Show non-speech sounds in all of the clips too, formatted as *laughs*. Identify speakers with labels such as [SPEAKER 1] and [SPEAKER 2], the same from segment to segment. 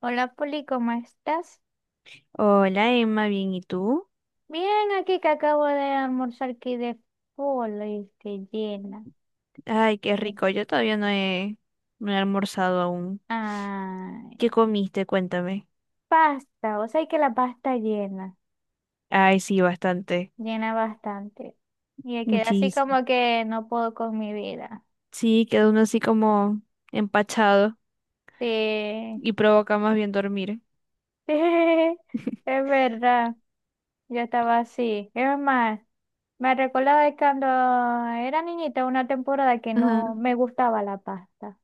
[SPEAKER 1] Hola Poli, ¿cómo estás?
[SPEAKER 2] Hola Emma, bien, ¿y tú?
[SPEAKER 1] Bien, aquí que acabo de almorzar aquí de polo y que llena.
[SPEAKER 2] Ay, qué rico, yo todavía no he, no he almorzado aún. ¿Qué
[SPEAKER 1] Ay,
[SPEAKER 2] comiste? Cuéntame.
[SPEAKER 1] pasta, o sea que la pasta llena,
[SPEAKER 2] Ay, sí, bastante,
[SPEAKER 1] llena bastante. Y me quedé así
[SPEAKER 2] muchísimo.
[SPEAKER 1] como que no puedo con mi vida.
[SPEAKER 2] Sí, queda uno así como empachado
[SPEAKER 1] Sí, *laughs*
[SPEAKER 2] y provoca más bien dormir.
[SPEAKER 1] sí, es verdad, yo estaba así. Es más, me recordaba de cuando era niñita una temporada que no
[SPEAKER 2] Ajá.
[SPEAKER 1] me gustaba la pasta.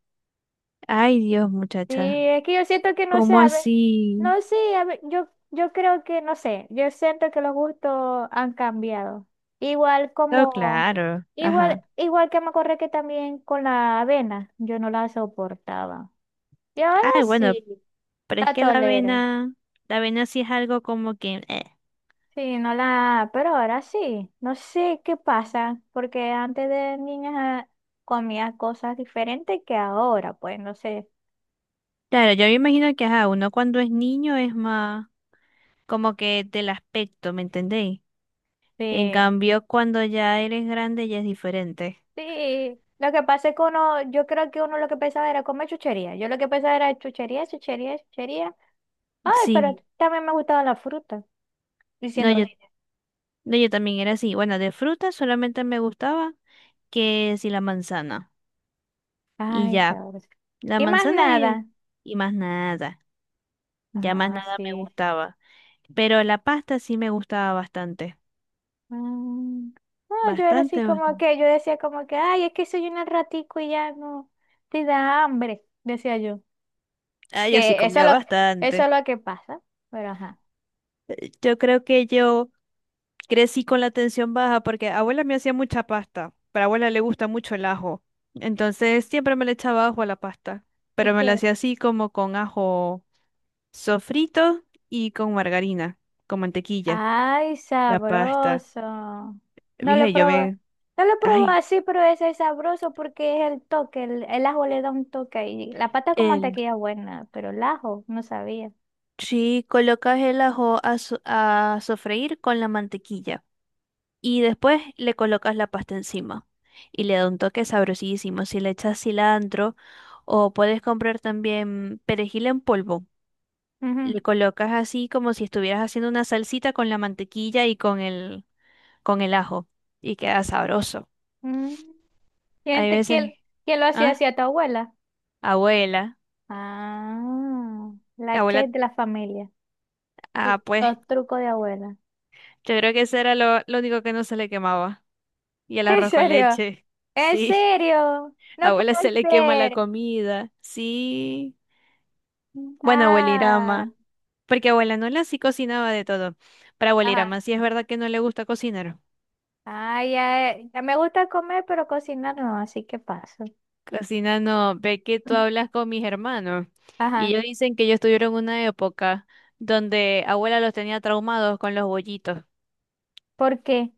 [SPEAKER 2] Ay, Dios,
[SPEAKER 1] Sí,
[SPEAKER 2] muchacha,
[SPEAKER 1] es que yo siento que no sé,
[SPEAKER 2] ¿cómo
[SPEAKER 1] a
[SPEAKER 2] así?
[SPEAKER 1] no sé, a ver, yo creo que no sé, yo siento que los gustos han cambiado. Igual
[SPEAKER 2] No,
[SPEAKER 1] como,
[SPEAKER 2] claro,
[SPEAKER 1] igual,
[SPEAKER 2] ajá.
[SPEAKER 1] igual que me acordé que también con la avena, yo no la soportaba. Y ahora
[SPEAKER 2] Ay, bueno,
[SPEAKER 1] sí,
[SPEAKER 2] pero es
[SPEAKER 1] la
[SPEAKER 2] que
[SPEAKER 1] tolero.
[SPEAKER 2] la avena sí es algo como que.
[SPEAKER 1] Sí, no la, pero ahora sí, no sé qué pasa, porque antes de niña comía cosas diferentes que ahora, pues no sé.
[SPEAKER 2] Claro, yo me imagino que ajá, uno cuando es niño es más como que del aspecto, ¿me entendéis? En
[SPEAKER 1] Sí.
[SPEAKER 2] cambio, cuando ya eres grande ya es diferente.
[SPEAKER 1] Sí, lo que pasa es que uno, yo creo que uno lo que pensaba era comer chuchería. Yo lo que pensaba era chuchería, chuchería, chuchería. Ay, pero
[SPEAKER 2] Sí,
[SPEAKER 1] también me gustaban las frutas,
[SPEAKER 2] no,
[SPEAKER 1] diciendo
[SPEAKER 2] yo,
[SPEAKER 1] niña.
[SPEAKER 2] no, yo también era así. Bueno, de fruta solamente me gustaba que si la manzana. Y
[SPEAKER 1] Ay,
[SPEAKER 2] ya,
[SPEAKER 1] sabes.
[SPEAKER 2] la
[SPEAKER 1] Y más
[SPEAKER 2] manzana y, el-
[SPEAKER 1] nada.
[SPEAKER 2] y más nada. Ya más
[SPEAKER 1] Ah,
[SPEAKER 2] nada me
[SPEAKER 1] sí.
[SPEAKER 2] gustaba. Pero la pasta sí me gustaba bastante.
[SPEAKER 1] Mm. No, yo era así
[SPEAKER 2] Bastante. bas-
[SPEAKER 1] como que, yo decía como que, ay, es que soy un ratico y ya no, te da hambre, decía yo.
[SPEAKER 2] Ah, yo sí
[SPEAKER 1] Que eso es
[SPEAKER 2] comía
[SPEAKER 1] lo que, eso es
[SPEAKER 2] bastante.
[SPEAKER 1] lo que pasa, pero ajá.
[SPEAKER 2] Yo creo que yo crecí con la tensión baja porque abuela me hacía mucha pasta, pero a abuela le gusta mucho el ajo. Entonces siempre me le echaba ajo a la pasta, pero
[SPEAKER 1] Es
[SPEAKER 2] me la
[SPEAKER 1] que
[SPEAKER 2] hacía así como con ajo sofrito y con margarina, con mantequilla,
[SPEAKER 1] ay,
[SPEAKER 2] la pasta.
[SPEAKER 1] sabroso. No lo
[SPEAKER 2] Dije, yo
[SPEAKER 1] probé.
[SPEAKER 2] me...
[SPEAKER 1] No lo probé
[SPEAKER 2] Ay,
[SPEAKER 1] así, pero ese es sabroso porque es el toque. El ajo le da un toque. Y la pata con
[SPEAKER 2] El,
[SPEAKER 1] mantequilla es buena, pero el ajo no sabía.
[SPEAKER 2] si colocas el ajo a sofreír con la mantequilla. Y después le colocas la pasta encima y le da un toque sabrosísimo. Si le echas cilantro o puedes comprar también perejil en polvo,
[SPEAKER 1] Ujú.
[SPEAKER 2] le colocas así como si estuvieras haciendo una salsita con la mantequilla y con el ajo y queda sabroso.
[SPEAKER 1] Mm. ¿Quién,
[SPEAKER 2] Hay
[SPEAKER 1] te-
[SPEAKER 2] veces,
[SPEAKER 1] quién- quién lo hacía
[SPEAKER 2] ah,
[SPEAKER 1] así a tu abuela?
[SPEAKER 2] abuela,
[SPEAKER 1] Ah, la
[SPEAKER 2] abuela,
[SPEAKER 1] chef de la familia. L-
[SPEAKER 2] pues
[SPEAKER 1] Los trucos de abuela.
[SPEAKER 2] yo creo que eso era lo único que no se le quemaba. Y el
[SPEAKER 1] *laughs* ¿En
[SPEAKER 2] arroz con
[SPEAKER 1] serio?
[SPEAKER 2] leche,
[SPEAKER 1] ¿En
[SPEAKER 2] sí,
[SPEAKER 1] serio?
[SPEAKER 2] *laughs*
[SPEAKER 1] No
[SPEAKER 2] abuela
[SPEAKER 1] puede
[SPEAKER 2] se le quema la
[SPEAKER 1] ser.
[SPEAKER 2] comida, sí. Bueno,
[SPEAKER 1] Ah,
[SPEAKER 2] abuelirama. Porque abuela Nola sí cocinaba de todo. Para abuelita
[SPEAKER 1] ajá.
[SPEAKER 2] más si es verdad que no le gusta cocinar.
[SPEAKER 1] Ah, ya, ya me gusta comer, pero cocinar no, así que paso.
[SPEAKER 2] Cocina no, ve que tú hablas con mis hermanos y
[SPEAKER 1] Ajá,
[SPEAKER 2] ellos dicen que ellos tuvieron una época donde abuela los tenía traumados con los bollitos.
[SPEAKER 1] ¿por qué?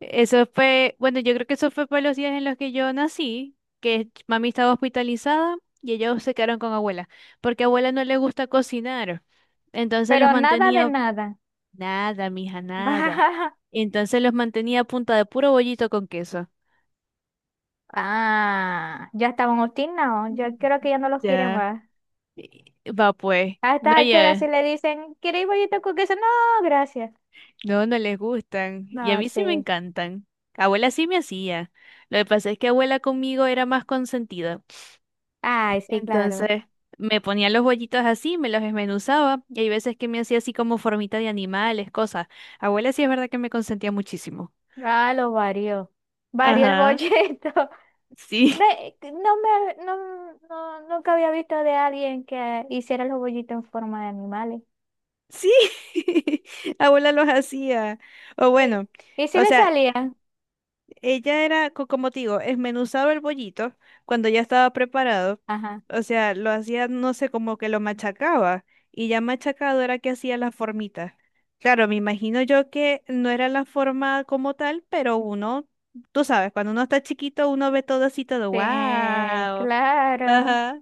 [SPEAKER 2] Eso fue, bueno, yo creo que eso fue por los días en los que yo nací, que mami estaba hospitalizada y ellos se quedaron con abuela, porque a abuela no le gusta cocinar. Entonces
[SPEAKER 1] Pero
[SPEAKER 2] los
[SPEAKER 1] nada de
[SPEAKER 2] mantenía
[SPEAKER 1] nada.
[SPEAKER 2] nada, mija, nada.
[SPEAKER 1] *laughs*
[SPEAKER 2] Entonces los mantenía a punta de puro bollito con queso.
[SPEAKER 1] Ah, ya estaban obstinados, yo creo que ya no los quieren
[SPEAKER 2] Ya.
[SPEAKER 1] más.
[SPEAKER 2] Y- Va pues.
[SPEAKER 1] A
[SPEAKER 2] No,
[SPEAKER 1] estas alturas si
[SPEAKER 2] ya.
[SPEAKER 1] le dicen, ¿quieres bollito con queso? No, gracias.
[SPEAKER 2] No, no les gustan. Y a
[SPEAKER 1] No,
[SPEAKER 2] mí sí me
[SPEAKER 1] sí.
[SPEAKER 2] encantan. Abuela sí me hacía. Lo que pasa es que abuela conmigo era más consentida.
[SPEAKER 1] Ay, sí, claro.
[SPEAKER 2] Entonces, me ponía los bollitos así, me los desmenuzaba. Y hay veces que me hacía así como formita de animales, cosas. Abuela sí es verdad que me consentía muchísimo.
[SPEAKER 1] Ah, lo varió. Varió el
[SPEAKER 2] Ajá.
[SPEAKER 1] bollito. *laughs*
[SPEAKER 2] Sí,
[SPEAKER 1] Ve, no me, no, no, nunca había visto de alguien que hiciera los bollitos en forma de animales.
[SPEAKER 2] sí. *laughs* Abuela los hacía. O
[SPEAKER 1] Sí.
[SPEAKER 2] bueno,
[SPEAKER 1] ¿Y si
[SPEAKER 2] o
[SPEAKER 1] le
[SPEAKER 2] sea,
[SPEAKER 1] salía?
[SPEAKER 2] Ella era, como te digo, esmenuzaba el bollito cuando ya estaba preparado.
[SPEAKER 1] Ajá.
[SPEAKER 2] O sea, lo hacía, no sé, como que lo machacaba. Y ya machacado era que hacía la formita. Claro, me imagino yo que no era la forma como tal, pero uno, tú sabes, cuando uno está chiquito, uno ve todo así, todo,
[SPEAKER 1] Sí,
[SPEAKER 2] wow.
[SPEAKER 1] claro.
[SPEAKER 2] Ajá.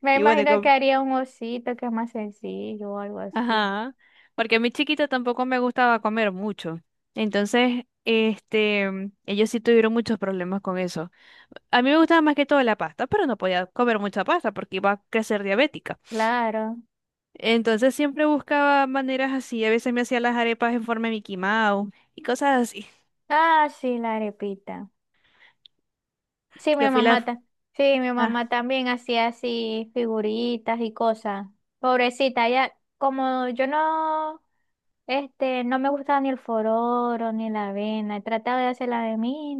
[SPEAKER 1] Me
[SPEAKER 2] Y bueno,
[SPEAKER 1] imagino que haría un osito que es más sencillo o algo así.
[SPEAKER 2] Ajá, porque a mi chiquita tampoco me gustaba comer mucho. Entonces, ellos sí tuvieron muchos problemas con eso. A mí me gustaba más que todo la pasta, pero no podía comer mucha pasta porque iba a crecer diabética.
[SPEAKER 1] Claro.
[SPEAKER 2] Entonces siempre buscaba maneras así. A veces me hacía las arepas en forma de Mickey Mouse y cosas así.
[SPEAKER 1] Ah, sí, la arepita. Sí, mi
[SPEAKER 2] Yo fui la...
[SPEAKER 1] mamá, ta- sí, mi
[SPEAKER 2] Ah,
[SPEAKER 1] mamá también hacía así figuritas y cosas. Pobrecita, ya como yo no, no me gustaba ni el fororo ni la avena, trataba de hacerla de mí,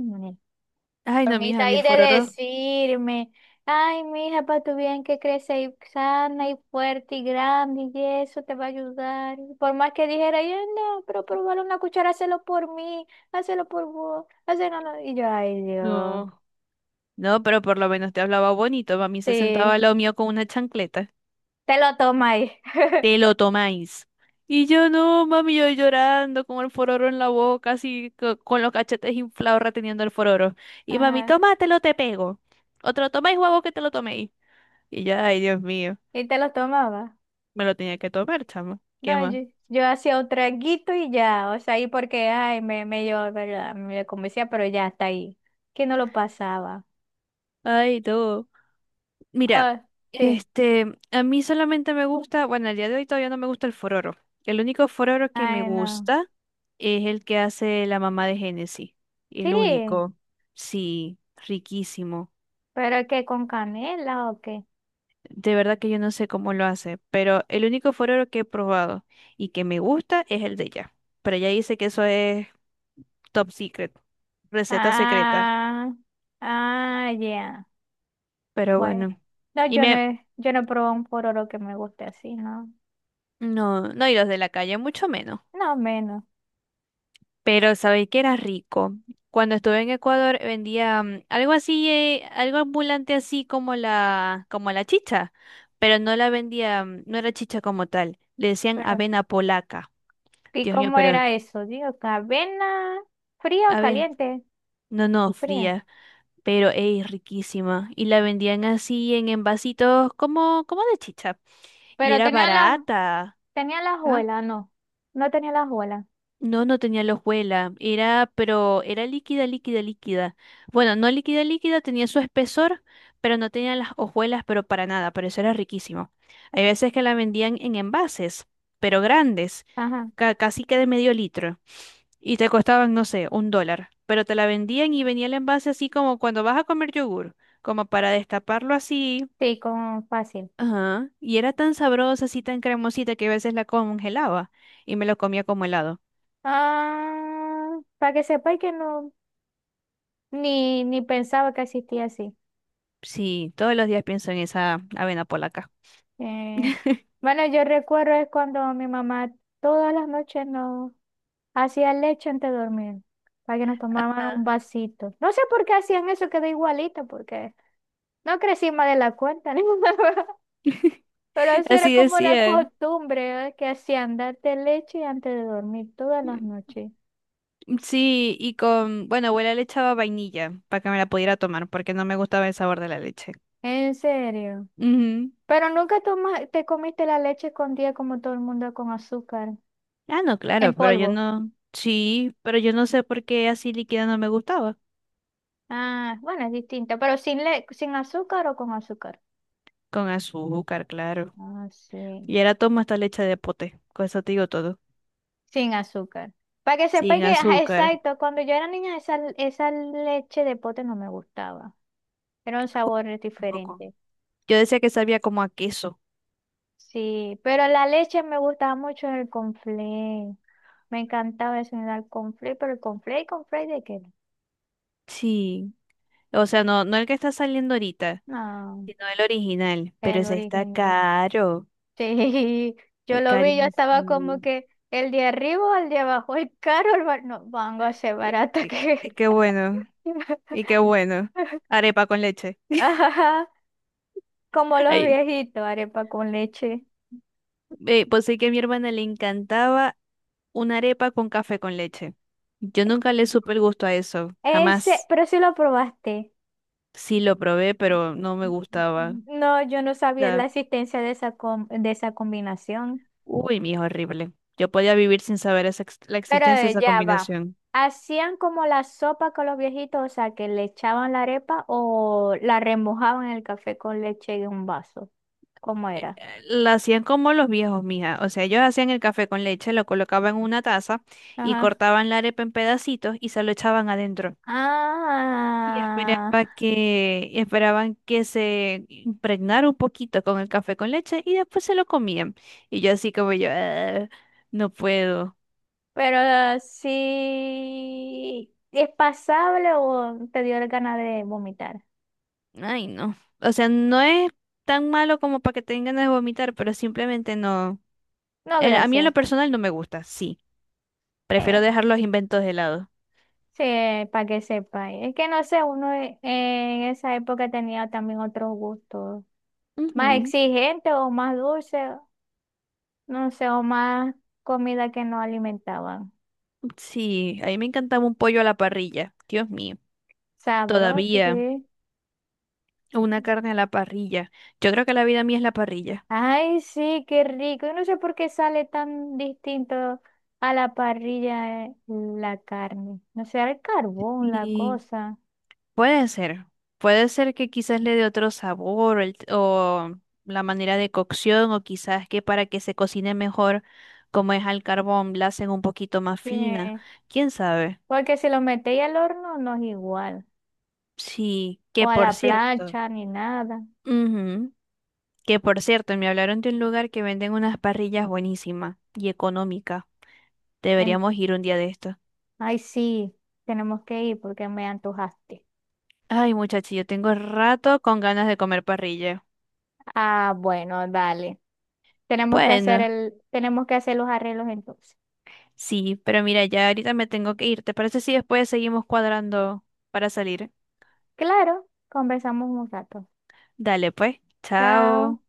[SPEAKER 2] Ay, no, mija,
[SPEAKER 1] formita
[SPEAKER 2] a mí
[SPEAKER 1] ahí
[SPEAKER 2] el
[SPEAKER 1] de
[SPEAKER 2] fororo...
[SPEAKER 1] decirme, ay, mija, para tu bien que crece y sana y fuerte y grande y eso te va a ayudar. Y por más que dijera, yo no, pero probar una cuchara, hazlo por mí, hazlo por vos, hazlo, no. No. Y yo, ay, Dios,
[SPEAKER 2] No, no, pero por lo menos te hablaba bonito. A mí se sentaba al
[SPEAKER 1] sí,
[SPEAKER 2] lado mío con una chancleta.
[SPEAKER 1] te lo toma ahí.
[SPEAKER 2] Te
[SPEAKER 1] *laughs*
[SPEAKER 2] lo tomáis. Y yo no, mami, yo llorando con el fororo en la boca, así con los cachetes inflados reteniendo el fororo. Y mami,
[SPEAKER 1] Ajá,
[SPEAKER 2] tómatelo, te pego. O te lo tomáis o que te lo toméis. Y yo, ay, Dios mío,
[SPEAKER 1] y te lo tomaba.
[SPEAKER 2] me lo tenía que tomar, chamo. ¿Qué
[SPEAKER 1] No,
[SPEAKER 2] más?
[SPEAKER 1] yo hacía un traguito y ya, o sea, ahí porque, ay, me yo, ¿verdad? Me convencía, pero ya está ahí, que no lo pasaba.
[SPEAKER 2] Ay, todo. Mira,
[SPEAKER 1] Ah, sí,
[SPEAKER 2] este, a mí solamente me gusta, bueno, al día de hoy todavía no me gusta el fororo. El único fororo que me
[SPEAKER 1] ay, no.
[SPEAKER 2] gusta es el que hace la mamá de Genesis.
[SPEAKER 1] Sí,
[SPEAKER 2] El único. Sí, riquísimo.
[SPEAKER 1] pero que con canela o qué.
[SPEAKER 2] De verdad que yo no sé cómo lo hace, pero el único forero que he probado y que me gusta es el de ella. Pero ella dice que eso es top secret, receta secreta.
[SPEAKER 1] Ah, ah, ya.
[SPEAKER 2] Pero
[SPEAKER 1] Bueno,
[SPEAKER 2] bueno.
[SPEAKER 1] no,
[SPEAKER 2] Y me...
[SPEAKER 1] yo no he probado un pororo que me guste así, ¿no?
[SPEAKER 2] No, no, y los de la calle mucho menos.
[SPEAKER 1] No menos.
[SPEAKER 2] Pero sabéis que era rico. Cuando estuve en Ecuador vendía algo así, algo ambulante así como como la chicha, pero no la vendía, no era chicha como tal. Le decían
[SPEAKER 1] Pero,
[SPEAKER 2] avena polaca.
[SPEAKER 1] ¿y
[SPEAKER 2] Dios mío,
[SPEAKER 1] cómo
[SPEAKER 2] pero
[SPEAKER 1] era eso? Digo, ¿avena fría o
[SPEAKER 2] a ver,
[SPEAKER 1] caliente?
[SPEAKER 2] no,
[SPEAKER 1] Fría.
[SPEAKER 2] fría, pero es riquísima. Y la vendían así en envasitos como de chicha. Y
[SPEAKER 1] Pero
[SPEAKER 2] era barata.
[SPEAKER 1] tenía la
[SPEAKER 2] Ah,
[SPEAKER 1] hojuela, no. No tenía la hojuela.
[SPEAKER 2] no, no tenía hojuela. Era, pero era líquida, líquida, líquida. Bueno, no líquida, líquida, tenía su espesor, pero no tenía las hojuelas, pero para nada. Pero eso era riquísimo. Hay veces que la vendían en envases, pero grandes,
[SPEAKER 1] Ajá.
[SPEAKER 2] casi que de medio litro. Y te costaban, no sé, un dólar. Pero te la vendían y venía el envase así como cuando vas a comer yogur como para destaparlo así.
[SPEAKER 1] Sí, con fácil.
[SPEAKER 2] Ajá. Y era tan sabrosa, así tan cremosita que a veces la congelaba y me lo comía como helado.
[SPEAKER 1] Ah, para que sepáis que no, ni, ni pensaba que existía así.
[SPEAKER 2] Sí, todos los días pienso en esa avena polaca.
[SPEAKER 1] Eh,
[SPEAKER 2] *laughs*
[SPEAKER 1] bueno, yo recuerdo es cuando mi mamá todas las noches nos hacía leche antes de dormir, para que nos tomaran
[SPEAKER 2] Ah.
[SPEAKER 1] un vasito. No sé por qué hacían eso, quedó igualita porque no crecí más de la cuenta, *laughs* ni nada, pero sí era
[SPEAKER 2] Así
[SPEAKER 1] como una
[SPEAKER 2] decían.
[SPEAKER 1] costumbre, ¿eh? Que hacían darte leche antes de dormir todas las noches.
[SPEAKER 2] Sí, y con, bueno, abuela le echaba vainilla para que me la pudiera tomar porque no me gustaba el sabor de la leche.
[SPEAKER 1] En serio.
[SPEAKER 2] Ujú.
[SPEAKER 1] Pero nunca toma- te comiste la leche escondida como todo el mundo con azúcar,
[SPEAKER 2] Ah, no,
[SPEAKER 1] en
[SPEAKER 2] claro, pero yo
[SPEAKER 1] polvo.
[SPEAKER 2] no, sí, pero yo no sé por qué así líquida no me gustaba.
[SPEAKER 1] Ah, bueno, es distinto, pero sin, le sin azúcar o con azúcar.
[SPEAKER 2] Con azúcar, claro.
[SPEAKER 1] Ah, sí.
[SPEAKER 2] Y ahora tomo esta leche de pote, con eso te digo todo.
[SPEAKER 1] Sin azúcar. Para que sepáis
[SPEAKER 2] Sin
[SPEAKER 1] que, ajá,
[SPEAKER 2] azúcar.
[SPEAKER 1] exacto, cuando yo era niña esa, esa leche de pote no me gustaba. Era un sabor
[SPEAKER 2] Un poco.
[SPEAKER 1] diferente.
[SPEAKER 2] Yo decía que sabía como a queso.
[SPEAKER 1] Sí, pero la leche me gustaba mucho en el conflé. Me encantaba eso en el conflé, pero el conflé y conflé de qué?
[SPEAKER 2] Sí. O sea, no, no el que está saliendo ahorita,
[SPEAKER 1] No,
[SPEAKER 2] sino el original. Pero
[SPEAKER 1] el
[SPEAKER 2] ese está
[SPEAKER 1] original. *laughs*
[SPEAKER 2] caro,
[SPEAKER 1] Sí, yo lo vi, yo estaba como
[SPEAKER 2] carísimo.
[SPEAKER 1] que el de arriba, o el de abajo, el caro, el bar... no, vango a ser
[SPEAKER 2] Eh,
[SPEAKER 1] barata
[SPEAKER 2] eh,
[SPEAKER 1] que...
[SPEAKER 2] qué bueno, y qué
[SPEAKER 1] *laughs*
[SPEAKER 2] bueno. Arepa con leche. *laughs*
[SPEAKER 1] Ajá, como los
[SPEAKER 2] Ay,
[SPEAKER 1] viejitos, arepa con leche.
[SPEAKER 2] pues sí que a mi hermana le encantaba una arepa con café con leche. Yo nunca le supe el gusto a eso,
[SPEAKER 1] Ese,
[SPEAKER 2] jamás.
[SPEAKER 1] pero sí lo probaste.
[SPEAKER 2] Sí lo probé, pero no me gustaba. O
[SPEAKER 1] No, yo no sabía la
[SPEAKER 2] sea,
[SPEAKER 1] existencia de esa, com- de esa combinación.
[SPEAKER 2] uy, mi hijo, horrible. Yo podía vivir sin saber esa la
[SPEAKER 1] Pero
[SPEAKER 2] existencia de esa
[SPEAKER 1] ya va.
[SPEAKER 2] combinación.
[SPEAKER 1] ¿Hacían como la sopa con los viejitos? O sea, que le echaban la arepa o la remojaban en el café con leche en un vaso. ¿Cómo
[SPEAKER 2] eh,
[SPEAKER 1] era?
[SPEAKER 2] La hacían como los viejos, mija. O sea, ellos hacían el café con leche, lo colocaban en una taza y
[SPEAKER 1] Ajá.
[SPEAKER 2] cortaban la arepa en pedacitos y se lo echaban adentro. Y
[SPEAKER 1] Ah,
[SPEAKER 2] esperaban que se impregnara un poquito con el café con leche y después se lo comían. Y yo así como yo, "Ah, no puedo.
[SPEAKER 1] pero sí. ¿Es pasable o te dio ganas de vomitar?
[SPEAKER 2] Ay, no. O sea, no es tan malo como para que tengan ganas de vomitar, pero simplemente no.
[SPEAKER 1] No,
[SPEAKER 2] El- a mí en lo
[SPEAKER 1] gracias.
[SPEAKER 2] personal no me gusta, sí. Prefiero
[SPEAKER 1] Eh,
[SPEAKER 2] dejar los inventos de lado.
[SPEAKER 1] sí, para que sepa. Es que no sé, uno en esa época tenía también otros gustos, más
[SPEAKER 2] Ujú.
[SPEAKER 1] exigentes o más dulces, no sé, o más comida que no alimentaban.
[SPEAKER 2] Sí, a mí me encantaba un pollo a la parrilla. Dios mío,
[SPEAKER 1] Sabroso,
[SPEAKER 2] todavía
[SPEAKER 1] sí.
[SPEAKER 2] una carne a la parrilla. Yo creo que la vida mía es la parrilla.
[SPEAKER 1] Ay, sí, qué rico. Yo no sé por qué sale tan distinto a la parrilla la carne. No sé, el carbón, la
[SPEAKER 2] Y
[SPEAKER 1] cosa.
[SPEAKER 2] puede ser, puede ser que quizás le dé otro sabor el- o la manera de cocción o quizás que para que se cocine mejor, como es al carbón, la hacen un poquito más
[SPEAKER 1] Sí.
[SPEAKER 2] fina. ¿Quién sabe?
[SPEAKER 1] Porque si lo metéis al horno no es igual.
[SPEAKER 2] Sí,
[SPEAKER 1] O
[SPEAKER 2] que
[SPEAKER 1] a la
[SPEAKER 2] por cierto.
[SPEAKER 1] plancha ni nada.
[SPEAKER 2] ujú, Que por cierto, me hablaron de un lugar que venden unas parrillas buenísimas y económicas. Deberíamos ir un día de esto.
[SPEAKER 1] Ay, sí, tenemos que ir porque me antojaste.
[SPEAKER 2] Ay, muchachos, yo tengo rato con ganas de comer parrilla.
[SPEAKER 1] Ah, bueno, dale. Tenemos que hacer
[SPEAKER 2] Bueno,
[SPEAKER 1] el, tenemos que hacer los arreglos entonces.
[SPEAKER 2] sí, pero mira, ya ahorita me tengo que ir. ¿Te parece si después seguimos cuadrando para salir?
[SPEAKER 1] Claro, conversamos un rato.
[SPEAKER 2] Dale, pues.
[SPEAKER 1] Chao.
[SPEAKER 2] Chao.